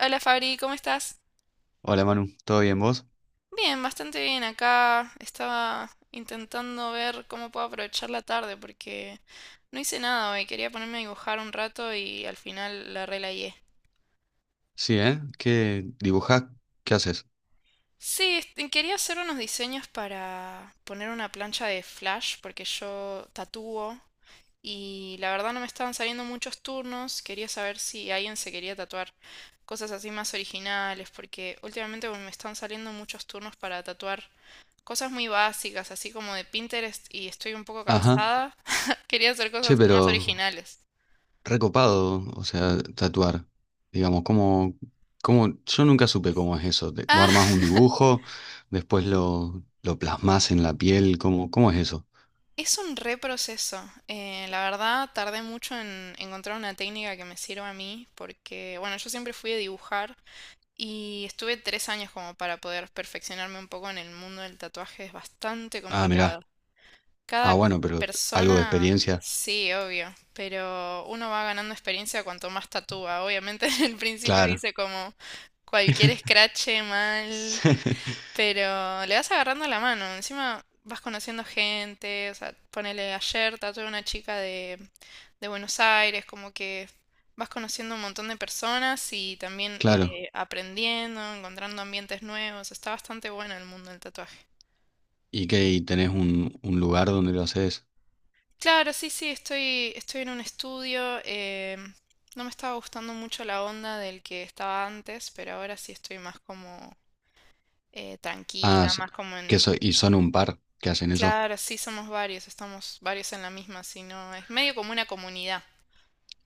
Hola Fabri, ¿cómo estás? Hola Manu, ¿todo bien vos? Bien, bastante bien acá. Estaba intentando ver cómo puedo aprovechar la tarde porque no hice nada hoy. Quería ponerme a dibujar un rato y al final la relayé. Sí, ¿eh? ¿Qué dibujás? ¿Qué haces? Sí, quería hacer unos diseños para poner una plancha de flash porque yo tatúo. Y la verdad no me estaban saliendo muchos turnos, quería saber si alguien se quería tatuar cosas así más originales, porque últimamente me están saliendo muchos turnos para tatuar cosas muy básicas, así como de Pinterest, y estoy un poco Ajá. cansada. Quería hacer Che, cosas más pero originales. recopado, o sea, tatuar. Digamos, ¿cómo, yo nunca supe cómo es eso. Vos Ah, armás un dibujo, después lo plasmás en la piel, ¿cómo es eso? es un reproceso. La verdad, tardé mucho en encontrar una técnica que me sirva a mí, porque, bueno, yo siempre fui a dibujar. Y estuve 3 años como para poder perfeccionarme un poco en el mundo del tatuaje. Es bastante Ah, complicado. mirá. Ah, Cada bueno, pero algo de persona, experiencia. sí, obvio, pero uno va ganando experiencia cuanto más tatúa. Obviamente, en el principio Claro. dice como cualquier escrache mal, Sí, pero le vas agarrando la mano, encima vas conociendo gente, o sea, ponele ayer tatué a una chica de Buenos Aires, como que vas conociendo un montón de personas y también claro. Aprendiendo, encontrando ambientes nuevos, está bastante bueno el mundo del tatuaje. ¿Y qué? ¿Y tenés un lugar donde lo haces? Claro, sí, sí, estoy en un estudio, no me estaba gustando mucho la onda del que estaba antes, pero ahora sí estoy más como Ah, tranquila, s- más como en. Y son un par que hacen eso. Claro, sí, somos varios, estamos varios en la misma, si no, es medio como una comunidad.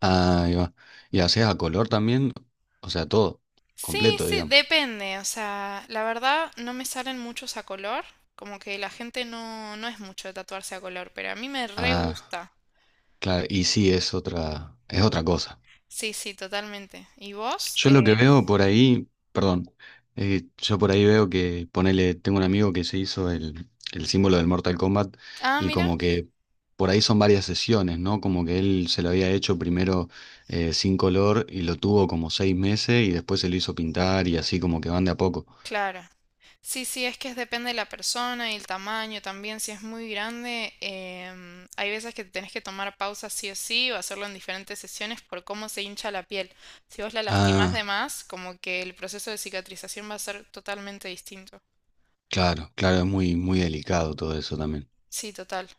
Ah, ahí va. ¿Y haces a color también? O sea, todo, Sí, completo, sí, digamos. depende, o sea, la verdad no me salen muchos a color, como que la gente no, no es mucho de tatuarse a color, pero a mí me re Ah, gusta. claro, y sí, es otra cosa. Sí, sí, totalmente. ¿Y vos? Yo lo que veo por ahí, perdón, yo por ahí veo que, ponele, tengo un amigo que se hizo el símbolo del Mortal Kombat Ah, y mira. como que por ahí son varias sesiones, ¿no? Como que él se lo había hecho primero sin color y lo tuvo como seis meses y después se lo hizo pintar y así como que van de a poco. Claro. Sí, sí, es que depende de la persona y el tamaño también. Si es muy grande, hay veces que tenés que tomar pausas sí o sí o hacerlo en diferentes sesiones por cómo se hincha la piel. Si vos la lastimás de Ah, más, como que el proceso de cicatrización va a ser totalmente distinto. claro, claro, es muy, muy delicado todo eso también. Sí, total.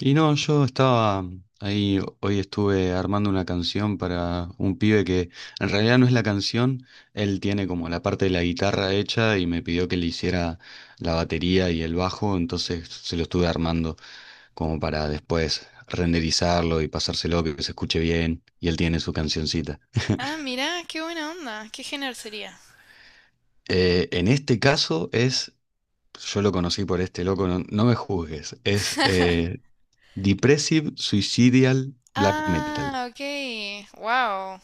Y no, yo estaba ahí, hoy estuve armando una canción para un pibe que en realidad no es la canción, él tiene como la parte de la guitarra hecha y me pidió que le hiciera la batería y el bajo, entonces se lo estuve armando como para después renderizarlo y pasárselo, que se escuche bien, y él tiene su cancioncita. Ah, mirá, qué buena onda. ¿Qué género sería? En este caso es, yo lo conocí por este loco, no, no me juzgues, es Depressive Suicidal Black Metal. Ah, ok. Wow.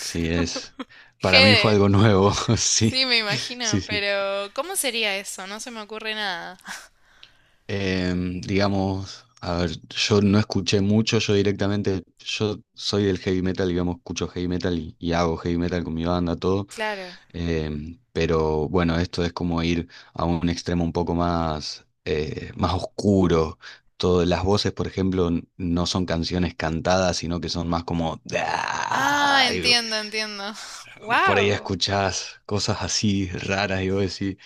Sí, es. Para mí fue Gede. algo nuevo, sí, Sí, me sí, imagino, sí. pero ¿cómo sería eso? No se me ocurre nada. Digamos, a ver, yo no escuché mucho, yo directamente, yo soy del heavy metal, digamos, escucho heavy metal y hago heavy metal con mi banda, todo. Claro. Pero bueno, esto es como ir a un extremo un poco más, más oscuro. Todas las voces, por ejemplo, no son canciones cantadas, sino que son más como... Ah, "Ah", y entiendo, entiendo. por ahí Wow. escuchás cosas así raras y vos decís...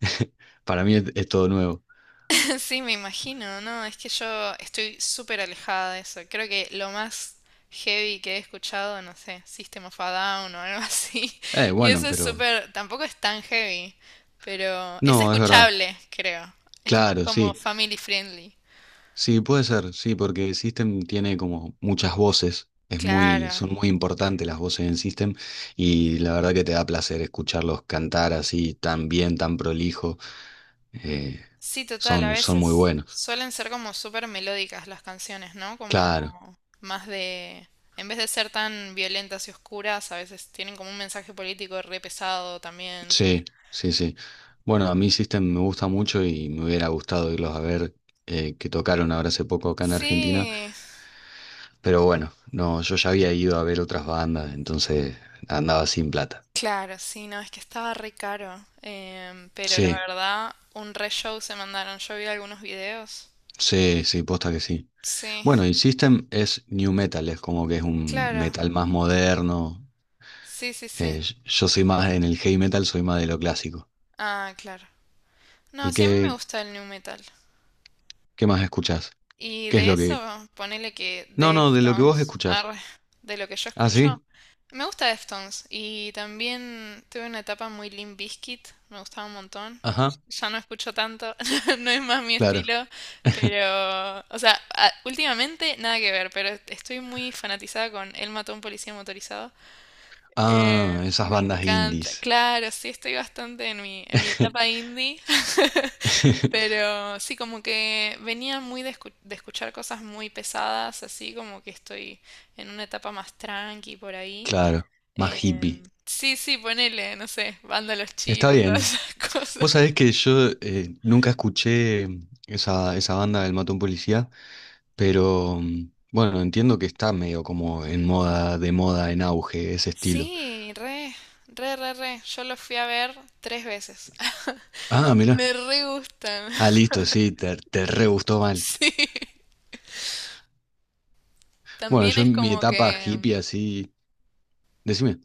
Para mí es todo nuevo. Sí, me imagino, ¿no? Es que yo estoy súper alejada de eso. Creo que lo más heavy que he escuchado, no sé, System of a Down o algo así. Y Bueno, eso es pero... súper, tampoco es tan heavy, pero es No, es verdad. escuchable, creo. Es más Claro, como sí. family friendly. Sí, puede ser, sí, porque System tiene como muchas voces. Es muy, Claro. son muy importantes las voces en System y la verdad que te da placer escucharlos cantar así tan bien, tan prolijo. Eh, Sí, total, a son muy veces buenos. suelen ser como súper melódicas las canciones, ¿no? Como Claro, más en vez de ser tan violentas y oscuras, a veces tienen como un mensaje político re pesado también. sí, sí, sí. Bueno, a mí System me gusta mucho y me hubiera gustado irlos a ver, que tocaron ahora hace poco acá en Argentina. Sí, Pero bueno, no, yo ya había ido a ver otras bandas, entonces andaba sin plata. claro, sí, no, es que estaba re caro, pero la Sí, verdad, un re show se mandaron, yo vi algunos videos. sí, sí, posta que sí. Sí, Bueno, y System es new metal, es como que es un claro, metal más moderno. sí, sí, Eh, sí. yo soy más en el heavy metal, soy más de lo clásico. Ah, claro. No, ¿Y sí, a mí me qué, gusta el new metal. qué más escuchás? Y ¿Qué es de lo que...? eso, ponele que No, no, de lo que vos Deftones, escuchás. arre, de lo que yo ¿Ah, escucho, sí? me gusta Deftones. Y también tuve una etapa muy Limp Bizkit, me gustaba un montón. Ajá, Ya no escucho tanto, no es más mi claro. estilo, pero, o sea, últimamente nada que ver, pero estoy muy fanatizada con Él mató a un policía motorizado. Ah, esas Me bandas encanta, indies. claro, sí, estoy bastante en mi etapa indie. Pero sí, como que venía muy de escuchar cosas muy pesadas, así como que estoy en una etapa más tranqui por ahí. Claro, más hippie. Sí, sí, ponele, no sé, banda Los Está Chinos, todas bien. esas cosas. Vos sabés que yo nunca escuché esa banda del Matón Policía, pero bueno, entiendo que está medio como en moda, de moda, en auge, ese estilo. Sí, re, re, re, re. Yo los fui a ver 3 veces. Ah, mirá. Me re gustan. Ah, listo, sí, te re gustó mal. Sí. Bueno, También yo es en mi como etapa que. hippie así. Decime.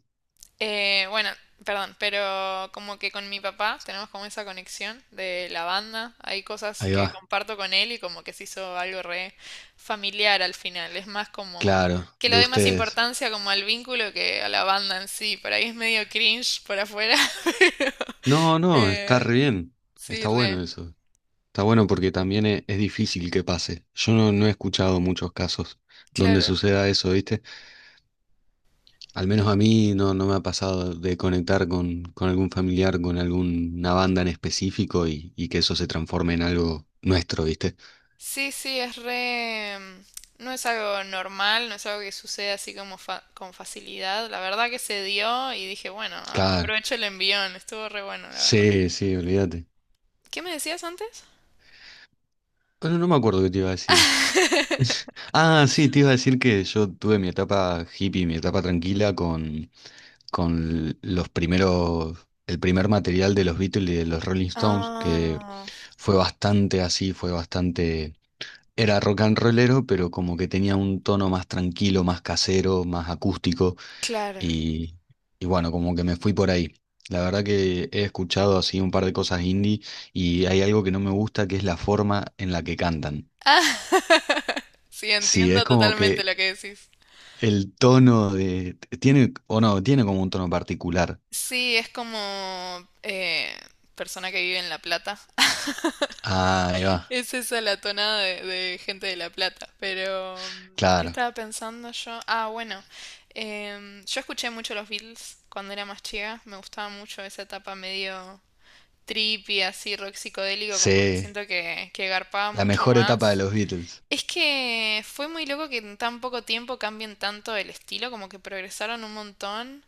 Bueno, perdón, pero como que con mi papá tenemos como esa conexión de la banda. Hay cosas Ahí va. que comparto con él y como que se hizo algo re familiar al final. Es más como Claro, que le de doy más ustedes. importancia como al vínculo que a la banda en sí. Por ahí es medio cringe por afuera, pero No, no, está eh, re bien. sí, Está bueno re. eso. Está bueno porque también es difícil que pase. Yo no, no he escuchado muchos casos donde Claro. suceda eso, ¿viste? Al menos a mí no, no me ha pasado de conectar con algún familiar, con alguna banda en específico y que eso se transforme en algo nuestro, ¿viste? Sí, sí, es re. No es algo normal, no es algo que sucede así como con facilidad. La verdad que se dio y dije, bueno, Claro. aprovecho el envión, estuvo re bueno, la verdad. Sí, sí, olvídate. ¿Qué me decías antes? Bueno, no me acuerdo qué te iba a decir. Ah, sí, te iba a decir que yo tuve mi etapa hippie, mi etapa tranquila con los primeros, el primer material de los Beatles y de los Rolling Stones, que Ah, fue bastante así, fue bastante... Era rock and rollero, pero como que tenía un tono más tranquilo, más casero, más acústico claro. y, y bueno, como que me fui por ahí. La verdad que he escuchado así un par de cosas indie y hay algo que no me gusta que es la forma en la que cantan. Ah, sí, Sí, entiendo es como totalmente que lo que decís. el tono de... Tiene, o no, tiene como un tono particular. Sí, es como eh, persona que vive en La Plata. Ah, ahí va. Es esa la tonada de gente de La Plata, pero ¿qué Claro. estaba pensando yo? Ah, bueno, yo escuché mucho los Beatles cuando era más chica, me gustaba mucho esa etapa medio trippy, así rock psicodélico, como que Sí, siento que garpaba la mucho mejor etapa de más. los Beatles. Es que fue muy loco que en tan poco tiempo cambien tanto el estilo, como que progresaron un montón.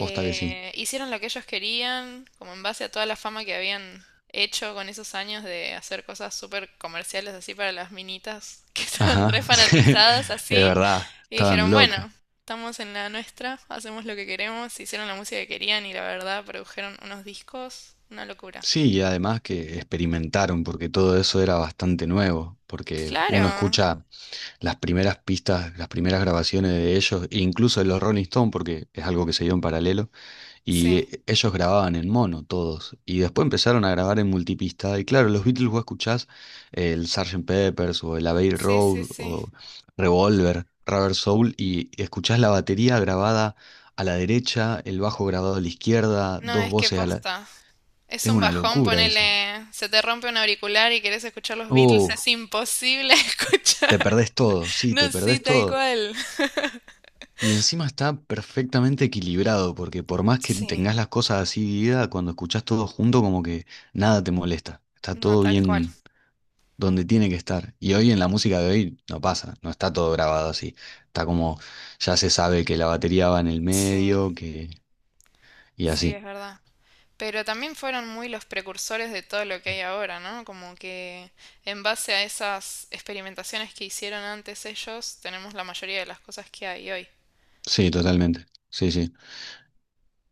Posta que sí. Hicieron lo que ellos querían, como en base a toda la fama que habían hecho con esos años de hacer cosas súper comerciales así para las minitas que estaban re Ajá, es fanatizadas así. verdad, Y estaban dijeron, locas. bueno, estamos en la nuestra, hacemos lo que queremos, hicieron la música que querían y la verdad produjeron unos discos, una locura. Sí, y además que experimentaron, porque todo eso era bastante nuevo, porque uno Claro, escucha las primeras pistas, las primeras grabaciones de ellos, e incluso de los Rolling Stones, porque es algo que se dio en paralelo, y sí, ellos grababan en mono todos, y después empezaron a grabar en multipista, y claro, los Beatles vos escuchás el Sgt. Pepper's o el Abbey sí, sí, Road sí. o Revolver, Rubber Soul, y escuchás la batería grabada a la derecha, el bajo grabado a la izquierda, No, dos es que voces a la... posta. Es Es un una bajón, locura eso. ponele, se te rompe un auricular y querés escuchar los Beatles, Uh, es imposible escuchar. te perdés todo, sí, te No, sí, perdés tal todo. cual. Y encima está perfectamente equilibrado, porque por más que Sí, tengas las cosas así divididas, cuando escuchás todo junto, como que nada te molesta. Está no, todo tal cual. bien donde tiene que estar. Y hoy en la música de hoy no pasa, no está todo grabado así. Está como, ya se sabe que la batería va en el Sí, medio, que... y sí, así. es verdad. Pero también fueron muy los precursores de todo lo que hay ahora, ¿no? Como que en base a esas experimentaciones que hicieron antes ellos, tenemos la mayoría de las cosas que hay hoy. Sí, totalmente. Sí, sí.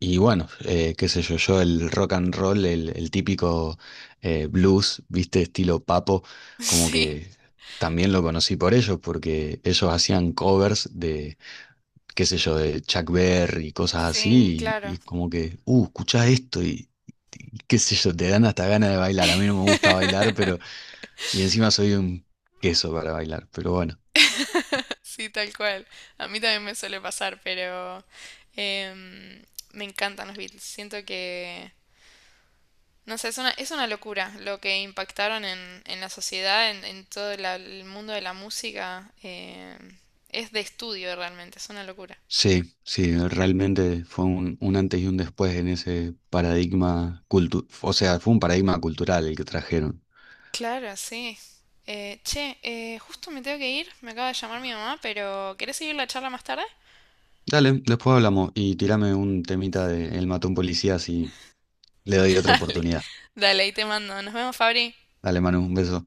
Y bueno, qué sé yo, yo el rock and roll, el típico blues, viste, estilo papo, como Sí. que también lo conocí por ellos, porque ellos hacían covers de, qué sé yo, de Chuck Berry y cosas Sí, así, claro. y como que, escuchá esto y qué sé yo, te dan hasta ganas de bailar. A mí no me gusta bailar, pero, y encima soy un queso para bailar, pero bueno. Sí, tal cual. A mí también me suele pasar, pero em, me encantan los Beatles. Siento que no sé, es una locura lo que impactaron en la sociedad, en todo el mundo de la música. Es de estudio realmente, es una locura. Sí, sí, realmente fue un antes y un después en ese paradigma o sea, fue un paradigma cultural el que trajeron. Claro, sí. Che, justo me tengo que ir, me acaba de llamar mi mamá, pero ¿querés seguir la charla más tarde? Dale, después hablamos y tirame un temita de El mató a un policía si le doy otra Dale, oportunidad. dale, ahí te mando. Nos vemos, Fabri. Dale, Manu, un beso.